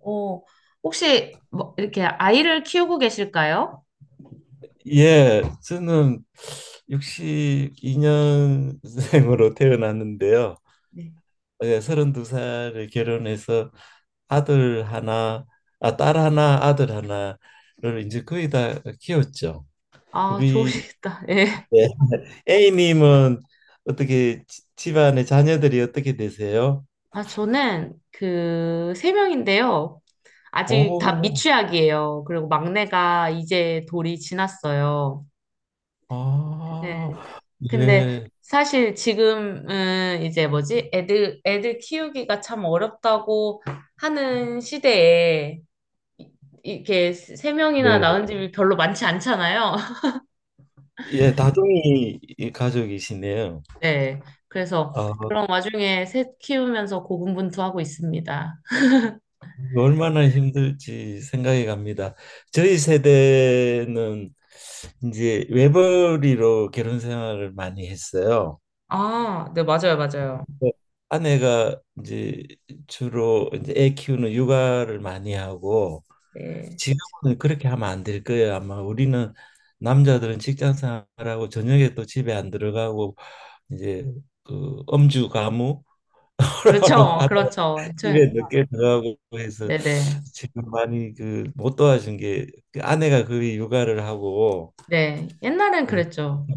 어, 혹시 뭐 이렇게 아이를 키우고 계실까요? 예, 저는 62년생으로 태어났는데요. 네. 예, 32살에 결혼해서 아들 하나, 아, 딸 하나, 아들 하나를 이제 거의 다 키웠죠. 아, 우리 좋으시겠다. 예. 네. A님은 어떻게 집안의 자녀들이 어떻게 되세요? 아, 저는 그 세 명인데요. 아직 다 오, 미취학이에요. 그리고 막내가 이제 돌이 지났어요. 네. 아, 근데 예, 사실 지금은 이제 뭐지? 애들 키우기가 참 어렵다고 하는 시대에 이- 이렇게 3명이나 예, 낳은 집이 별로 많지 않잖아요. 예, 다둥이 가족이시네요. 네. 그래서 아, 그런 와중에 새 키우면서 고군분투하고 있습니다. 얼마나 힘들지 생각이 갑니다. 저희 세대는 이제 외벌이로 결혼 생활을 많이 했어요. 아, 네, 맞아요, 맞아요. 네. 아내가 이제 주로 이제 애 키우는 육아를 많이 하고. 네. 지금은 그렇게 하면 안 될 거예요. 아마 우리는 남자들은 직장 생활하고 저녁에 또 집에 안 들어가고 이제 그 음주 가무 그렇죠. 하는, 그렇죠. 집에 늦게 들어가고 해서 네네. 지금 많이 그 못 도와준 게그 아내가 거의 육아를 하고. 네. 옛날엔 네. 그랬죠.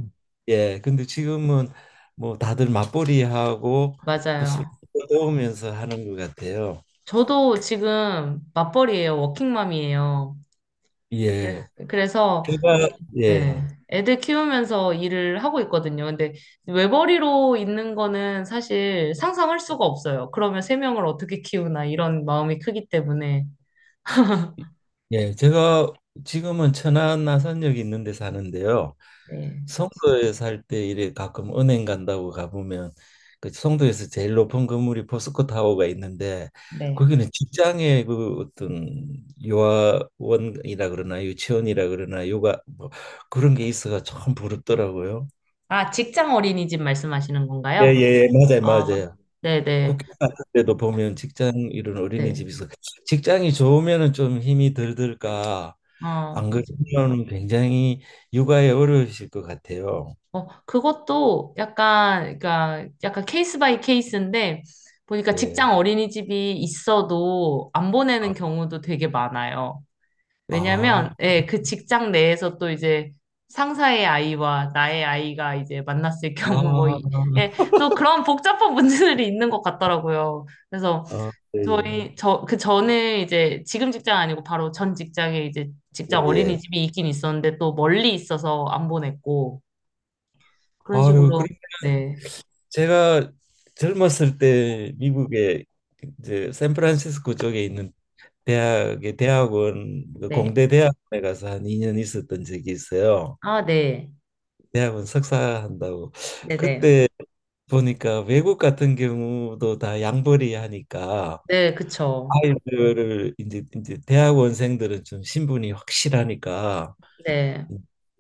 예, 근데 지금은 뭐 다들 맞벌이 하고 또 서로 맞아요. 도우면서 하는 것 같아요. 저도 지금 맞벌이에요. 워킹맘이에요. 그래- 예. 그래서, 이- 제가 예, 예, 애들 키우면서 일을 하고 있거든요. 근데 외벌이로 있는 거는 사실 상상할 수가 없어요. 그러면 3명을 어떻게 키우나 이런 마음이 크기 때문에. 예, 제가 지금은 천안 나산역 있는 데 사는데요. 네. 송도에 살 때 이래 가끔 은행 간다고 가보면 그 송도에서 제일 높은 건물이 포스코 타워가 있는데, 네. 거기는 직장의 그 어떤 요아원이라 그러나 유치원이라 그러나 요가 뭐 그런 게 있어가 참 부럽더라고요. 아, 직장 어린이집 말씀하시는 예예 건가요? 예, 예, 맞아요 아, 맞아요. 네네, 네. 국회 같은 데도 보면 직장 이런 네. 어린이집에서 직장이 좋으면은 좀 힘이 덜 들까, 어, 안 맞아요. 그러면 굉장히 육아에 어려우실 것 같아요. 어, 그것도 약간, 그러니까 약간 케이스 바이 케이스인데, 보니까 예. 직장 어린이집이 있어도 안 보내는 아, 경우도 되게 많아요. 아. 왜냐면, 예, 그 직장 내에서 또 이제 상사의 아이와 나의 아이가 이제 만났을 경우 뭐, 아, 예, 또 그런 복잡한 문제들이 있는 것 같더라고요. 그래서 아, 예, 예. 저희 그 전에 이제 지금 직장 아니고 바로 전 직장에 이제 예, 직장 예. 어린이집이 있긴 있었는데 또 멀리 있어서 안 보냈고 그런 아유, 식으로 그러면 네. 제가 젊었을 때 미국에 이제 샌프란시스코 쪽에 있는 대학의 대학원, 그 네. 공대 대학원에 가서 한 2년 있었던 적이 있어요. 아, 네. 대학원 석사한다고. 네, 네. 그때 보니까 외국 같은 경우도 다 양벌이 하니까 네, 그쵸. 아이들을 이제 대학원생들은 좀 신분이 확실하니까 네.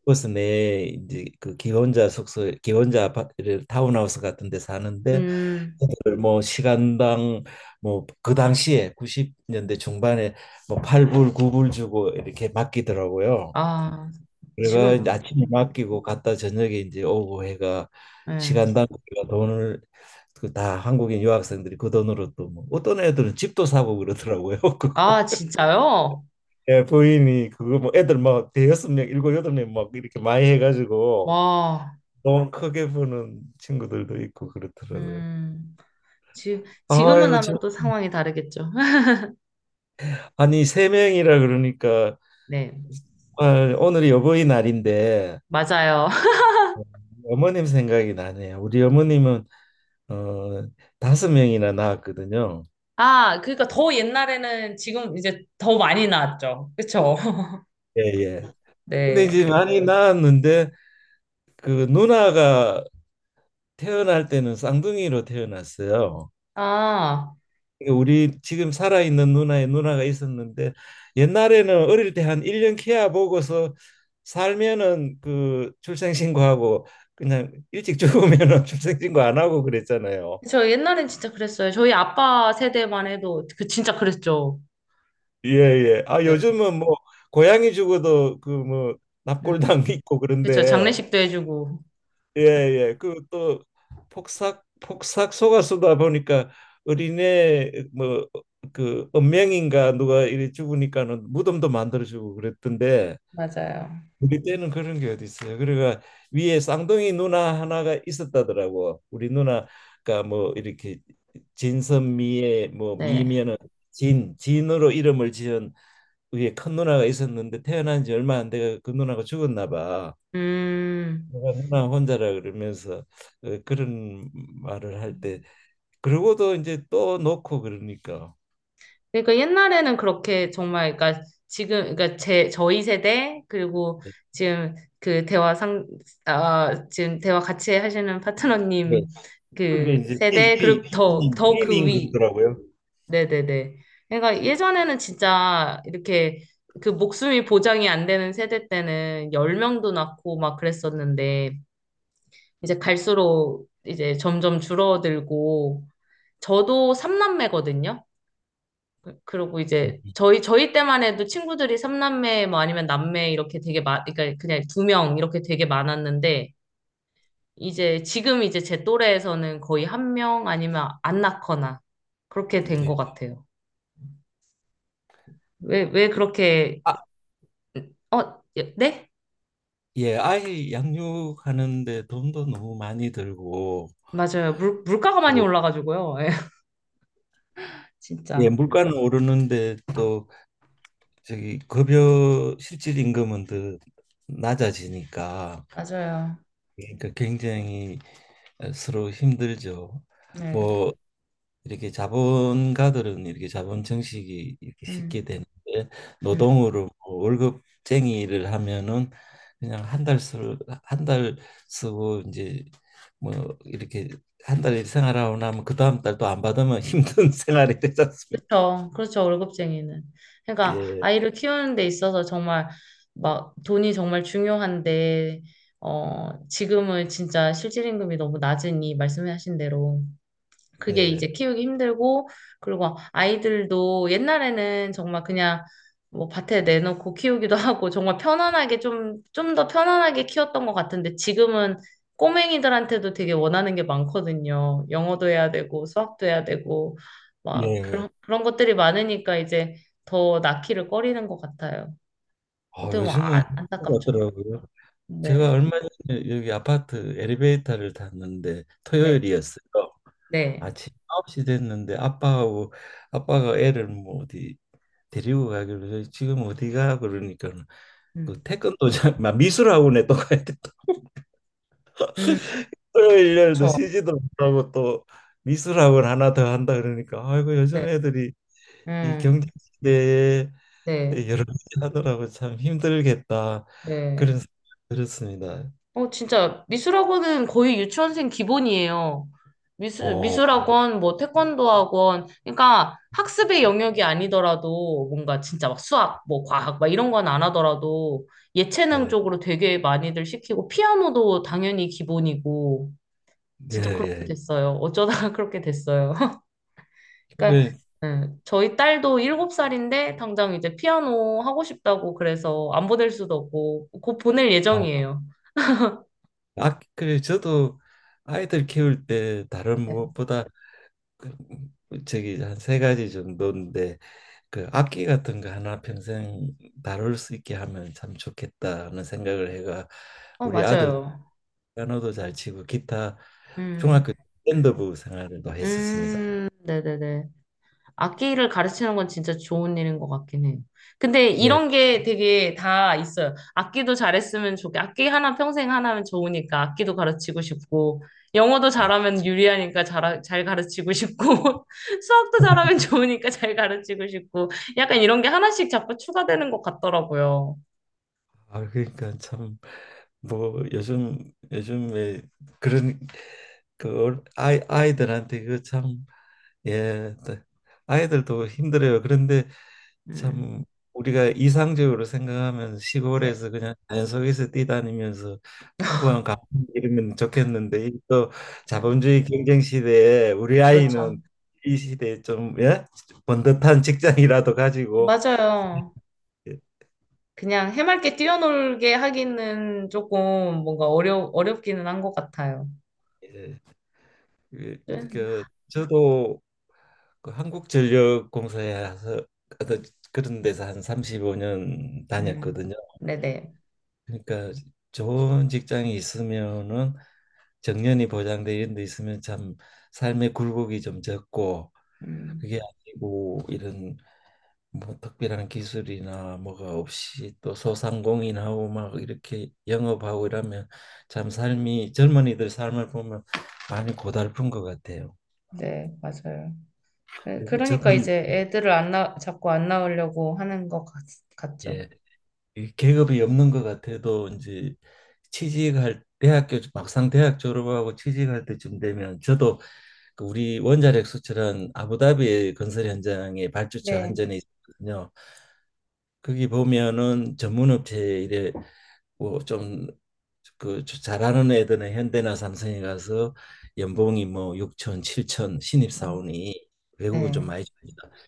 그래서 내 이제 그 기혼자 숙소, 기혼자 아파트를 타운하우스 같은 데 사는데, 음. 그걸 뭐 시간당, 뭐 그 당시에 90년대 중반에 뭐 8불, 9불 주고 이렇게 맡기더라고요. 아, 그래가 지금 이제 아침에 음, 맡기고 갔다 저녁에 이제 오고 해가 네. 시간당 우리가 돈을, 그 다 한국인 유학생들이 그 돈으로 또 뭐 어떤 애들은 집도 사고 그러더라고요. 그거, 아, 진짜요? 예, 부인이 그거 뭐 애들 막 대여섯 명, 일곱 여덟 명 막 이렇게 많이 해가지고 와. 너무 크게 보는 친구들도 있고 그렇더라고요. 음. 지금은 아유, 아마 참. 또 상황이 다르겠죠. 아니 세 명이라 그러니까 네. 정말 오늘이 어버이날인데 맞아요. 어머님 생각이 나네요. 우리 어머님은 어, 다섯 명이나 낳았거든요. 아, 그러니까 더 옛날에는 지금 이제 더 많이 나왔죠. 그쵸? 예, 예. 근데 네. 이제 많이 낳았는데 그 누나가 태어날 때는 쌍둥이로 태어났어요. 아, 우리 지금 살아있는 누나의 누나가 있었는데, 옛날에는 어릴 때 한 1년 케워 보고서 살면은 그 출생신고하고, 그냥 일찍 죽으면은 출생신고 안 하고 그랬잖아요. 저 옛날엔 진짜 그랬어요. 저희 아빠 세대만 해도 그 진짜 그랬죠. 예, 예. 아, 네. 요즘은 뭐 고양이 죽어도 그 뭐 음, 납골당 있고 그쵸. 그런데, 장례식도 해주고. 예, 예. 그 또 폭삭 폭삭 속았수다 보니까 어린애 뭐 그 은명인가 누가 이래 죽으니까는 무덤도 만들어 주고 그랬던데, 맞아요. 우리 때는 그런 게 어디 있어요. 그러니까 위에 쌍둥이 누나 하나가 있었다더라고. 우리 누나가 뭐 이렇게 진선미의 뭐 네. 미면은 진, 진으로 이름을 지은 위에 큰 누나가 있었는데 태어난 지 얼마 안 돼가 그 누나가 죽었나 봐. 음. 내가 누나 혼자라 그러면서 어, 그런 말을 할 때 그러고도 이제 또 놓고 그러니까. 그러니까 옛날에는 그렇게 정말, 그러니까 지금, 그러니까 저희 세대, 그리고 지금 그 대화 상, 아, 지금 대화 같이 하시는 네. 파트너님 그게 그 이제 B 세대, B 그리고 더, B님 더 그 B님 위. 그러더라고요. 네네네. 그러니까 예전에는 진짜 이렇게 그 목숨이 보장이 안 되는 세대 때는 10명도 낳고 막 그랬었는데 이제 갈수록 이제 점점 줄어들고 저도 삼남매거든요 그리고 이제 저희 때만 해도 친구들이 삼남매뭐 아니면 남매 이렇게 되게 많 그러니까 그냥 2명 이렇게 되게 많았는데 이제 지금 이제 제 또래에서는 거의 1명 아니면 안 낳거나 그렇게 된 네. 것 같아요. 왜 그렇게 어, 예, 네? 예, 아이 양육하는데 돈도 너무 많이 들고, 맞아요. 물가가 많이 뭐, 올라가지고요. 예, 예, 진짜. 물가는 오르는데 또 저기 급여 실질 임금은 더 낮아지니까 맞아요. 그러니까 굉장히 서로 힘들죠. 네. 뭐 이렇게 자본가들은 이렇게 자본 증식이 이렇게 쉽게 음, 되는데 음. 노동으로 뭐 월급쟁이 일을 하면은 그냥 한 달 쓰 한달 쓰고 이제 뭐 이렇게 한 달 생활하고 나면 그 다음 달 또 안 받으면 힘든 생활이 되지 않습니까? 그렇죠. 그렇죠. 월급쟁이는. 그러니까 예, 아이를 키우는 데 있어서 정말 막 돈이 정말 중요한데, 어, 지금은 진짜 실질 임금이 너무 낮으니 말씀하신 대로 그게 이제 네, 키우기 힘들고, 그리고 아이들도 옛날에는 정말 그냥 뭐 밭에 내놓고 키우기도 하고, 정말 편안하게 좀 더 편안하게 키웠던 것 같은데, 지금은 꼬맹이들한테도 되게 원하는 게 많거든요. 영어도 해야 되고, 수학도 해야 되고, 막 예. 그런 것들이 많으니까 이제 더 낳기를 꺼리는 것 같아요. 어, 어떻게 보면 요즘은 안타깝죠. 그렇더라고요. 제가 네, 얼마 전에 여기 아파트 엘리베이터를 탔는데 네, 토요일이었어요. 네. 아침 9시 됐는데 아빠하고 아빠가 애를 뭐 어디 데리고 가길래 저희 지금 어디가 그러니까 그 음, 태권도장 막 미술학원에 또 가야 돼. 또 음, 토요일 날도 그렇죠. 쉬지도 못하고 또 미술학원 하나 더 한다 그러니까 아이고 네, 요즘 애들이 이 음, 경제 시대에 네, 여러 가지 하더라고 참 힘들겠다 그런 네. 생각이 들었습니다. 어, 진짜 미술학원은 거의 유치원생 기본이에요. 오 미술학원, 뭐 태권도 학원. 그러니까 학습의 영역이 아니더라도 뭔가 진짜 막 수학, 뭐 과학, 막 이런 건 안 하더라도 예체능 예, 쪽으로 되게 많이들 시키고 피아노도 당연히 기본이고 예, 진짜 그렇게 예. 됐어요. 어쩌다가 그렇게 됐어요. 그러니까 그게 예, 저희 딸도 7살인데 당장 이제 피아노 하고 싶다고 그래서 안 보낼 수도 없고 곧 보낼 아, 예정이에요. 아, 그래 저도 아이들 키울 때 다른 네. 무엇보다 그, 저기 한 세 가지 정도인데 그 악기 같은 거 하나 평생 다룰 수 있게 하면 참 좋겠다는 생각을 해가 어, 우리 아들 맞아요. 피아노도 잘 치고 기타 음, 중학교 때 밴드부 생활을 또 했었습니다. 네네네. 악기를 가르치는 건 진짜 좋은 일인 것 같긴 해요. 근데 예. 이런 게 되게 다 있어요. 악기도 잘했으면 좋게, 악기 하나 평생 하나면 좋으니까 악기도 가르치고 싶고, 영어도 예. 잘하면 유리하니까 잘 가르치고 싶고, 수학도 잘하면 좋으니까 잘 가르치고 싶고, 약간 이런 게 하나씩 자꾸 추가되는 것 같더라고요. 아 그러니까 참 뭐 요즘에 그런 그 아이들한테 그참 예, 또 아이들도 힘들어요. 그런데 음, 참 우리가 이상적으로 생각하면 네. 시골에서 그냥 자연 속에서 뛰다니면서 풍부한 감을 이루면 좋겠는데 이또 네. 자본주의 경쟁 시대에 우리 아이는 그렇죠. 이 시대에 좀 예? 번듯한 직장이라도 가지고. 맞아요. 예, 그냥 해맑게 뛰어놀게 하기는 조금 뭔가 어렵기는 한 것 같아요. 예. 그, 네. 그 저도 그 한국전력공사에서 어떤 그런 데서 한 35년 음, 다녔거든요. 네네. 그러니까 좋은 직장이 있으면은 정년이 보장돼 이런 데 있으면 참 삶의 굴곡이 좀 적고, 음, 그게 아니고 이런 뭐 특별한 기술이나 뭐가 없이 또 소상공인하고 막 이렇게 영업하고 이러면 참 삶이 젊은이들 삶을 보면 많이 고달픈 것 같아요. 네, 맞아요. 네, 그리고 저 그러니까 도 이제 애들을 안 나, 자꾸 안 낳으려고 하는 것 같죠. 예, 이 계급이 없는 것 같아도 이제 취직할 대학교 막상 대학 졸업하고 취직할 때쯤 되면 저도 그 우리 원자력 수출은 아부다비 건설 현장의 발주처 네. 한전에 있거든요. 거기 보면은 전문업체 이래 뭐좀그 잘하는 애들은 현대나 삼성에 가서 연봉이 뭐 6천, 7천 신입 음, 사원이 외국은 좀 네. 많이 줍니다.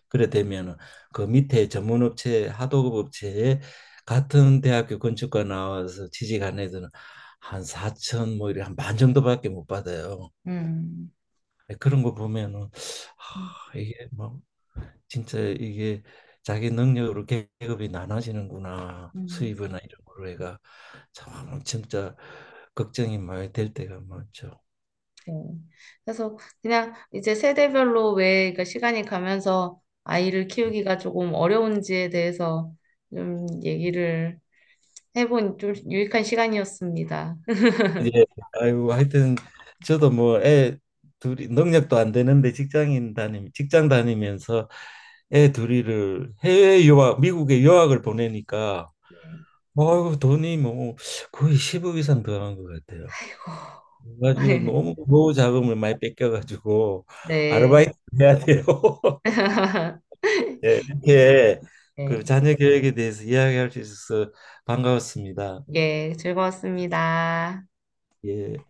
그래 되면은 그 밑에 전문업체 하도급 업체에 같은 대학교 건축과 나와서 취직한 애들은 한 4천 뭐 이래 한 반 정도밖에 못 받아요. 음. 네, 그런 거 보면은 음, 아, 이게 뭐 진짜 이게 자기 능력으로 계급이 나눠지는구나, 음, 수입이나 이런 거로 해가 참 진짜 걱정이 많이 될 때가 많죠. 네. 그래서 그냥 이제 세대별로 왜 그러니까 시간이 가면서 아이를 키우기가 조금 어려운지에 대해서 좀 얘기를 해본 좀 유익한 시간이었습니다. 예, 아이고 하여튼 저도 뭐 애 둘이 능력도 안 되는데 직장 다니면서 애 둘이를 해외 유학 미국에 유학을 보내니까 아이고 돈이 뭐 거의 10억 이상 들어간 것 같아요. 그래가지고 네. 너무 노후 자금을 많이 뺏겨가지고 네. 아르바이트 해야 돼요. 예, 이렇게 그 네. 자녀 교육에 대해서 이야기할 수 있어서 반가웠습니다. 예, 즐거웠습니다. 예.